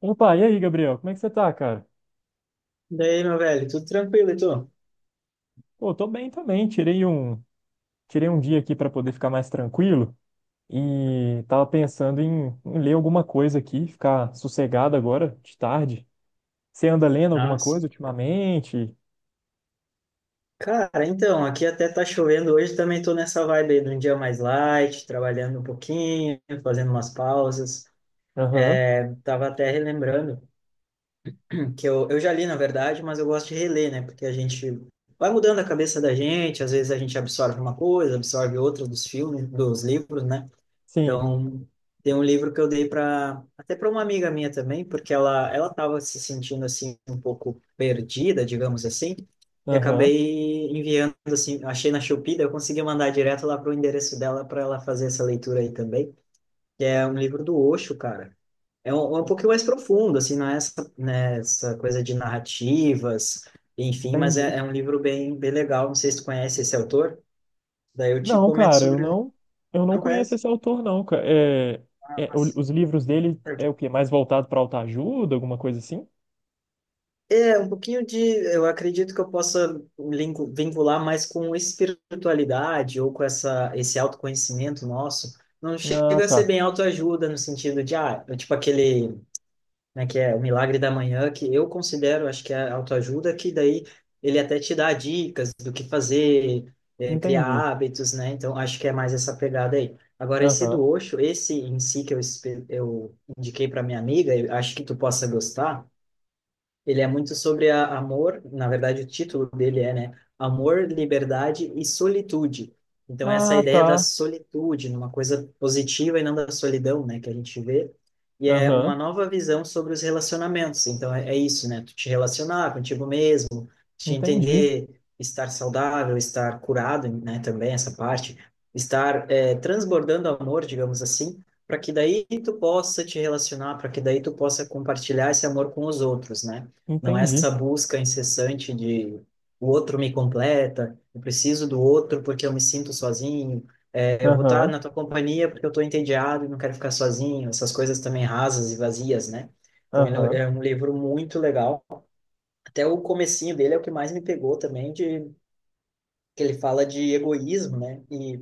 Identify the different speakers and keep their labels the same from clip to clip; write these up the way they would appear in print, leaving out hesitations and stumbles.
Speaker 1: Opa, e aí, Gabriel? Como é que você tá, cara?
Speaker 2: Daí, meu velho, tudo tranquilo, e tu?
Speaker 1: Pô, tô bem também. Tirei um dia aqui pra poder ficar mais tranquilo e tava pensando em ler alguma coisa aqui, ficar sossegado agora, de tarde. Você anda lendo alguma
Speaker 2: Nossa.
Speaker 1: coisa ultimamente?
Speaker 2: Cara, então, aqui até tá chovendo hoje, também tô nessa vibe aí de um dia mais light, trabalhando um pouquinho, fazendo umas pausas.
Speaker 1: Aham,
Speaker 2: Tava até relembrando que eu já li, na verdade, mas eu gosto de reler, né? Porque a gente vai mudando a cabeça da gente, às vezes a gente absorve uma coisa, absorve outra dos filmes, dos livros, né?
Speaker 1: sim,
Speaker 2: Então, tem um livro que eu dei para até para uma amiga minha também, porque ela estava se sentindo assim um pouco perdida, digamos assim, e
Speaker 1: aham,
Speaker 2: acabei enviando assim, achei na Shopee, daí eu consegui mandar direto lá pro endereço dela para ela fazer essa leitura aí também, que é um livro do Osho, cara. É um pouquinho mais profundo, assim, não é essa, né, essa coisa de narrativas, enfim, mas
Speaker 1: entendi.
Speaker 2: é um livro bem, bem legal. Não sei se tu conhece esse autor, daí eu te
Speaker 1: Não,
Speaker 2: comento
Speaker 1: cara,
Speaker 2: sobre.
Speaker 1: eu não
Speaker 2: Não
Speaker 1: conheço
Speaker 2: conhece?
Speaker 1: esse autor, não, cara. É,
Speaker 2: Nossa.
Speaker 1: os livros dele é o quê? Mais voltado pra autoajuda, alguma coisa assim?
Speaker 2: É, um pouquinho de. Eu acredito que eu possa vincular mais com espiritualidade ou com essa, esse autoconhecimento nosso. Não
Speaker 1: Ah,
Speaker 2: chega a ser
Speaker 1: tá,
Speaker 2: bem autoajuda no sentido de, ah, eu, tipo aquele, né, que é o Milagre da Manhã, que eu considero, acho que é autoajuda, que daí ele até te dá dicas do que fazer, criar
Speaker 1: entendi.
Speaker 2: hábitos, né? Então, acho que é mais essa pegada aí. Agora, esse
Speaker 1: Aham.
Speaker 2: do Osho, esse em si que eu, eu indiquei para minha amiga, eu acho que tu possa gostar. Ele é muito sobre a, amor, na verdade o título dele é, né? Amor, liberdade e solitude. Então essa
Speaker 1: Ah,
Speaker 2: ideia da
Speaker 1: tá.
Speaker 2: solitude, numa coisa positiva e não da solidão, né, que a gente vê, e é uma
Speaker 1: Aham.
Speaker 2: nova visão sobre os relacionamentos. Então é isso, né? Tu te relacionar contigo mesmo, de
Speaker 1: Entendi,
Speaker 2: entender estar saudável, estar curado, né, também essa parte, estar transbordando amor, digamos assim, para que daí tu possa te relacionar, para que daí tu possa compartilhar esse amor com os outros, né? Não é
Speaker 1: entendi.
Speaker 2: essa busca incessante de o outro me completa, eu preciso do outro porque eu me sinto sozinho, é, eu vou estar
Speaker 1: Aham,
Speaker 2: na tua companhia porque eu estou entediado e não quero ficar sozinho, essas coisas também rasas e vazias, né? Então ele
Speaker 1: aham,
Speaker 2: é um livro muito legal até o comecinho dele é o que mais me pegou também, de que ele fala de egoísmo, né?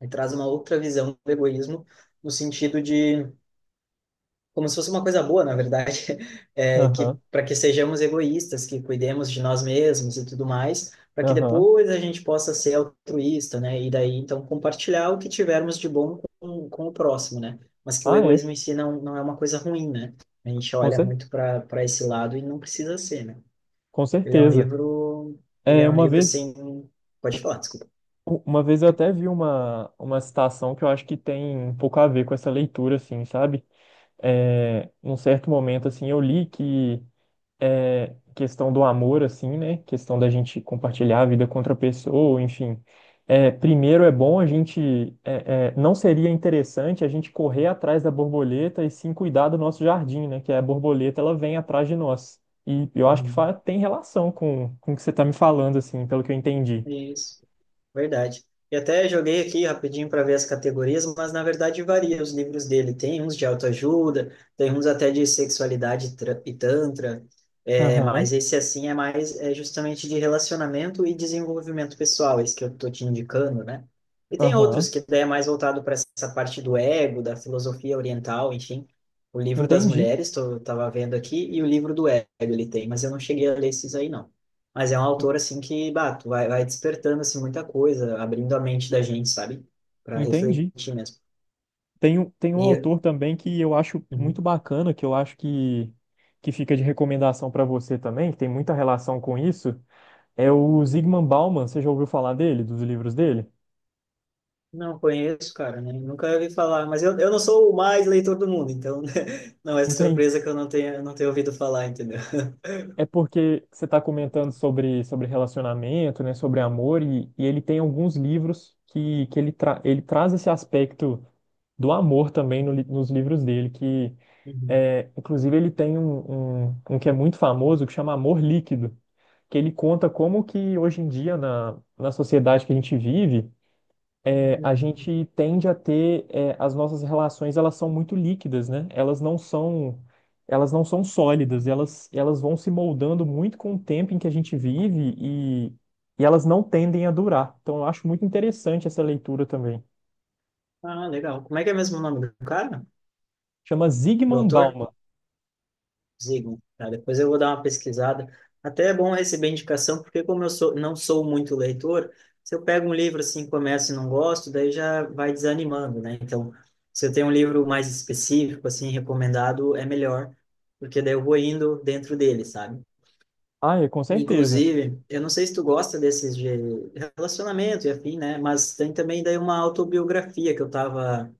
Speaker 2: E traz uma outra visão do egoísmo no sentido de como se fosse uma coisa boa, na verdade, é, que
Speaker 1: aham,
Speaker 2: para que sejamos egoístas, que cuidemos de nós mesmos e tudo mais, para que
Speaker 1: aham.
Speaker 2: depois a gente possa ser altruísta, né? E daí então compartilhar o que tivermos de bom com o próximo, né? Mas que o
Speaker 1: Ah, é,
Speaker 2: egoísmo em si não é uma coisa ruim, né? A gente
Speaker 1: com,
Speaker 2: olha
Speaker 1: cer
Speaker 2: muito para esse lado e não precisa ser, né?
Speaker 1: com
Speaker 2: Ele é um
Speaker 1: certeza.
Speaker 2: livro, ele
Speaker 1: É,
Speaker 2: é um
Speaker 1: uma
Speaker 2: livro
Speaker 1: vez,
Speaker 2: assim, pode falar, desculpa.
Speaker 1: uma vez eu até vi uma citação que eu acho que tem um pouco a ver com essa leitura, assim, sabe? É, num certo momento, assim, eu li que é, questão do amor, assim, né? Questão da gente compartilhar a vida com outra pessoa, enfim. É, primeiro é bom a gente. É, é, não seria interessante a gente correr atrás da borboleta e sim cuidar do nosso jardim, né? Que é a borboleta ela vem atrás de nós. E eu acho que
Speaker 2: Uhum.
Speaker 1: tem relação com o que você está me falando, assim, pelo que eu entendi.
Speaker 2: Isso. Verdade. E até joguei aqui rapidinho para ver as categorias, mas na verdade varia os livros dele. Tem uns de autoajuda, tem uns até de sexualidade e tantra, é,
Speaker 1: Aham,
Speaker 2: mas esse assim é mais é justamente de relacionamento e desenvolvimento pessoal, esse que eu tô te indicando, né? E tem outros
Speaker 1: aham.
Speaker 2: que daí é mais voltado para essa parte do ego, da filosofia oriental, enfim. O livro das
Speaker 1: Entendi,
Speaker 2: mulheres, tava vendo aqui, e o livro do ego ele tem, mas eu não cheguei a ler esses aí, não. Mas é um autor, assim, que, bah, vai despertando, assim, muita coisa, abrindo a mente da gente, sabe? Para
Speaker 1: entendi.
Speaker 2: refletir mesmo.
Speaker 1: Tem um
Speaker 2: E,
Speaker 1: autor também que eu acho muito
Speaker 2: uhum.
Speaker 1: bacana, que eu acho que fica de recomendação para você também, que tem muita relação com isso, é o Zygmunt Bauman. Você já ouviu falar dele, dos livros dele?
Speaker 2: Não conheço, cara, né? Nunca ouvi falar, mas eu não sou o mais leitor do mundo, então não é
Speaker 1: Então,
Speaker 2: surpresa que eu não tenha ouvido falar, entendeu?
Speaker 1: é porque você está comentando sobre, sobre relacionamento, né, sobre amor, e ele tem alguns livros que ele, tra ele traz esse aspecto do amor também no li- nos livros dele, que
Speaker 2: Uhum.
Speaker 1: é, inclusive ele tem um que é muito famoso que chama Amor Líquido, que ele conta como que hoje em dia na sociedade que a gente vive, é, a
Speaker 2: Uhum.
Speaker 1: gente tende a ter, é, as nossas relações, elas são muito líquidas, né? Elas não são sólidas, elas vão se moldando muito com o tempo em que a gente vive e elas não tendem a durar. Então, eu acho muito interessante essa leitura também.
Speaker 2: Ah, legal. Como é que é mesmo o nome do cara?
Speaker 1: Chama
Speaker 2: Do
Speaker 1: Zygmunt
Speaker 2: autor?
Speaker 1: Bauman.
Speaker 2: Zigo, tá? Depois eu vou dar uma pesquisada. Até é bom receber indicação, porque como eu sou, não sou muito leitor, se eu pego um livro assim, começo e não gosto, daí já vai desanimando, né? Então, se eu tenho um livro mais específico, assim, recomendado, é melhor, porque daí eu vou indo dentro dele, sabe?
Speaker 1: Ah, é, com certeza.
Speaker 2: Inclusive, eu não sei se tu gosta desses de relacionamento e afim, né? Mas tem também daí uma autobiografia que eu tava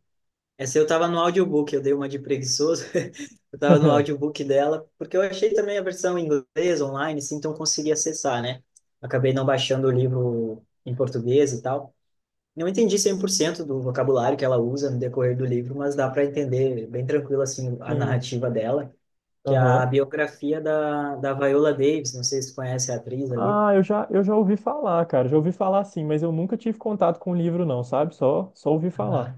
Speaker 2: essa eu tava no audiobook, eu dei uma de preguiçoso. Eu tava no audiobook dela, porque eu achei também a versão em inglês online, assim, então eu consegui acessar, né? Acabei não baixando o livro em português e tal. Não entendi 100% do vocabulário que ela usa no decorrer do livro, mas dá para entender bem tranquilo, assim, a
Speaker 1: Sim.
Speaker 2: narrativa dela, que é a
Speaker 1: Aham.
Speaker 2: biografia da Viola Davis, não sei se tu conhece a atriz ali.
Speaker 1: Ah, eu já ouvi falar, cara. Já ouvi falar sim, mas eu nunca tive contato com o livro, não, sabe? Só ouvi falar.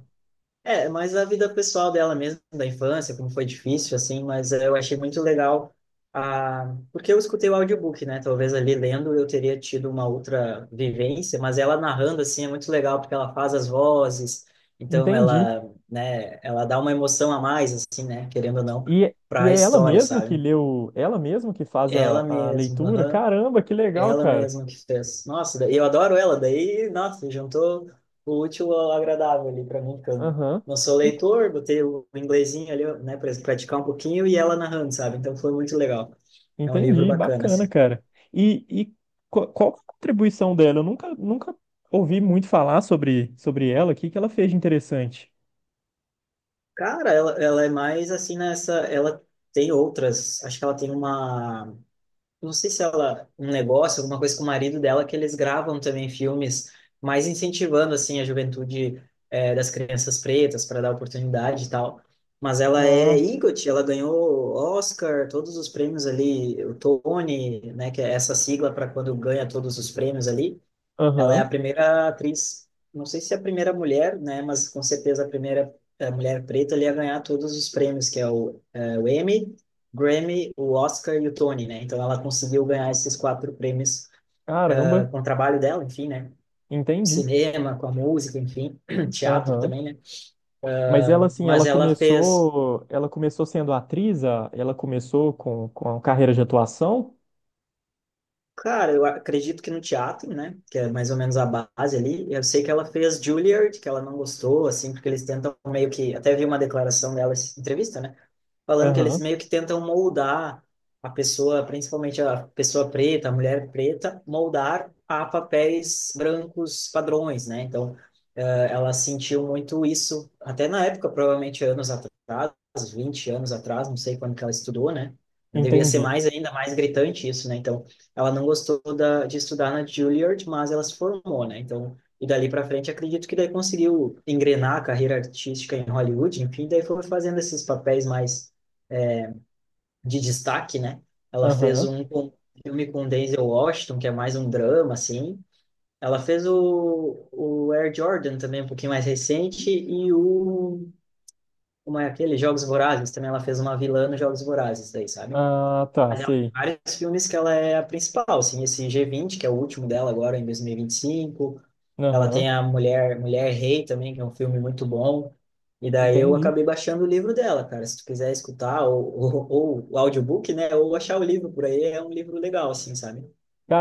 Speaker 2: É, mas a vida pessoal dela mesmo, da infância, como foi difícil, assim, mas eu achei muito legal, a porque eu escutei o audiobook, né? Talvez ali lendo eu teria tido uma outra vivência, mas ela narrando, assim, é muito legal, porque ela faz as vozes, então
Speaker 1: Entendi.
Speaker 2: ela, né, ela dá uma emoção a mais, assim, né? Querendo ou não, para
Speaker 1: E
Speaker 2: a
Speaker 1: é ela
Speaker 2: história,
Speaker 1: mesmo que
Speaker 2: sabe?
Speaker 1: leu, ela mesmo que faz
Speaker 2: Ela
Speaker 1: a leitura?
Speaker 2: mesma,
Speaker 1: Caramba, que legal,
Speaker 2: Ela
Speaker 1: cara.
Speaker 2: mesma que fez. Nossa, daí- eu adoro ela, daí, nossa, juntou o útil ao agradável ali para mim, porque eu
Speaker 1: Aham.
Speaker 2: não sou
Speaker 1: E-
Speaker 2: leitor, botei o inglesinho ali, né, para praticar um pouquinho e ela narrando, sabe? Então foi muito legal. É um livro
Speaker 1: Entendi,
Speaker 2: bacana,
Speaker 1: bacana,
Speaker 2: assim.
Speaker 1: cara. E qual, qual que é a contribuição dela? Eu nunca, nunca ouvi muito falar sobre, sobre ela. O que que ela fez de interessante?
Speaker 2: Cara, ela é mais assim nessa. Ela tem outras. Acho que ela tem uma. Não sei se ela, um negócio, alguma coisa com o marido dela, que eles gravam também filmes, mais incentivando, assim, a juventude das crianças pretas para dar oportunidade e tal. Mas ela é
Speaker 1: Ah,
Speaker 2: EGOT, ela ganhou Oscar, todos os prêmios ali, o Tony, né, que é essa sigla para quando ganha todos os prêmios ali. Ela é a
Speaker 1: aham.
Speaker 2: primeira atriz, não sei se é a primeira mulher, né, mas com certeza a primeira mulher preta ali a ganhar todos os prêmios, que é o o Emmy, Grammy, o Oscar e o Tony, né? Então ela conseguiu ganhar esses quatro prêmios
Speaker 1: Caramba,
Speaker 2: com o trabalho dela, enfim, né?
Speaker 1: entendi.
Speaker 2: Cinema, com a música, enfim, teatro
Speaker 1: Aham.
Speaker 2: também, né?
Speaker 1: Mas ela, assim,
Speaker 2: Mas ela fez,
Speaker 1: ela começou sendo atriz, ela começou com a carreira de atuação?
Speaker 2: cara, eu acredito que no teatro, né? Que é mais ou menos a base ali. Eu sei que ela fez Juilliard, que ela não gostou, assim, porque eles tentam meio que, até vi uma declaração dela, essa entrevista, né? Falando que eles
Speaker 1: Aham,
Speaker 2: meio que tentam moldar a pessoa, principalmente a pessoa preta, a mulher preta, moldar a papéis brancos padrões, né? Então, ela sentiu muito isso, até na época, provavelmente anos atrás, 20 anos atrás, não sei quando que ela estudou, né? Devia ser
Speaker 1: entendi.
Speaker 2: mais ainda mais gritante isso, né? Então, ela não gostou de estudar na Juilliard, mas ela se formou, né? Então, e dali para frente, acredito que daí conseguiu engrenar a carreira artística em Hollywood, enfim, daí foi fazendo esses papéis mais de destaque, né? Ela fez
Speaker 1: Aham.
Speaker 2: um com- Filme com Denzel Washington, que é mais um drama, assim. Ela fez o Air Jordan também, um pouquinho mais recente, e o... Como é aquele? Jogos Vorazes. Também ela fez uma vilã nos Jogos Vorazes, daí, sabe?
Speaker 1: Ah, tá,
Speaker 2: Mas ela tem
Speaker 1: sei.
Speaker 2: vários filmes que ela é a principal, assim, esse G20, que é o último dela agora, em 2025. Ela
Speaker 1: Aham,
Speaker 2: tem a Mulher Rei também, que é um filme muito bom. E daí eu
Speaker 1: entendi.
Speaker 2: acabei baixando o livro dela, cara. Se tu quiser escutar, ou o audiobook, né? Ou achar o livro por aí, é um livro legal, assim, sabe?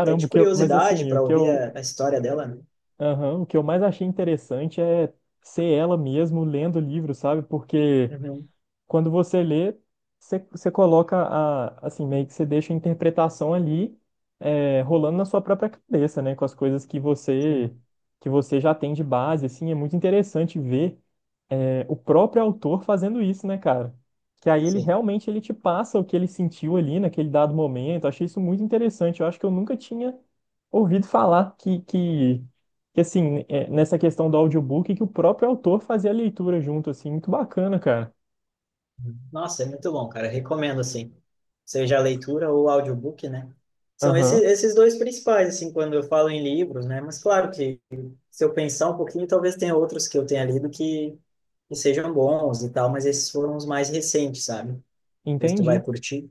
Speaker 2: Até de curiosidade
Speaker 1: o
Speaker 2: para
Speaker 1: que
Speaker 2: ouvir
Speaker 1: eu,
Speaker 2: a história dela, né?
Speaker 1: aham, o que eu mais achei interessante é ser ela mesmo lendo o livro, sabe? Porque
Speaker 2: Uhum,
Speaker 1: quando você lê, você coloca a, assim, meio que você deixa a interpretação ali, é, rolando na sua própria cabeça, né? Com as coisas
Speaker 2: Sim,
Speaker 1: que você já tem de base, assim, é muito interessante ver. É, o próprio autor fazendo isso, né, cara? Que aí
Speaker 2: sim.
Speaker 1: ele te passa o que ele sentiu ali naquele dado momento. Achei isso muito interessante. Eu acho que eu nunca tinha ouvido falar que assim, é, nessa questão do audiobook, que o próprio autor fazia a leitura junto, assim, muito bacana, cara.
Speaker 2: Nossa, é muito bom, cara. Recomendo, assim, seja a leitura ou o audiobook, né? São
Speaker 1: Aham,
Speaker 2: esses dois principais, assim, quando eu falo em livros, né? Mas claro que se eu pensar um pouquinho, talvez tenha outros que eu tenha lido que sejam bons e tal, mas esses foram os mais recentes, sabe? Não sei se tu vai
Speaker 1: entendi.
Speaker 2: curtir.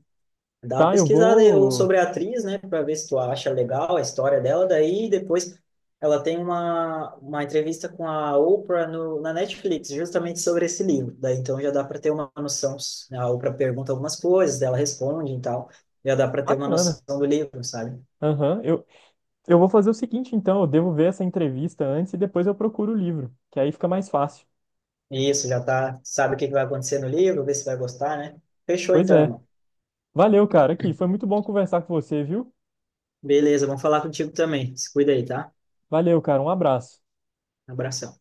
Speaker 2: Dá uma
Speaker 1: Tá, eu
Speaker 2: pesquisada aí ou
Speaker 1: vou.
Speaker 2: sobre a atriz, né, para ver se tu acha legal a história dela. Daí depois ela tem uma entrevista com a Oprah no, na Netflix, justamente sobre esse livro. Daí então já dá para ter uma noção. Né, a Oprah pergunta algumas coisas, ela responde e tal. Já dá para ter uma
Speaker 1: Bacana.
Speaker 2: noção do livro, sabe?
Speaker 1: Aham, eu, eu vou fazer o seguinte, então, eu devo ver essa entrevista antes e depois eu procuro o livro, que aí fica mais fácil.
Speaker 2: E isso, já tá, sabe o que que vai acontecer no livro, vê se vai gostar, né? Fechou
Speaker 1: Pois
Speaker 2: então,
Speaker 1: é.
Speaker 2: irmão.
Speaker 1: Valeu, cara, aqui. Foi muito bom conversar com você, viu?
Speaker 2: Beleza, vamos falar contigo também. Se cuida aí, tá?
Speaker 1: Valeu, cara. Um abraço.
Speaker 2: Abração.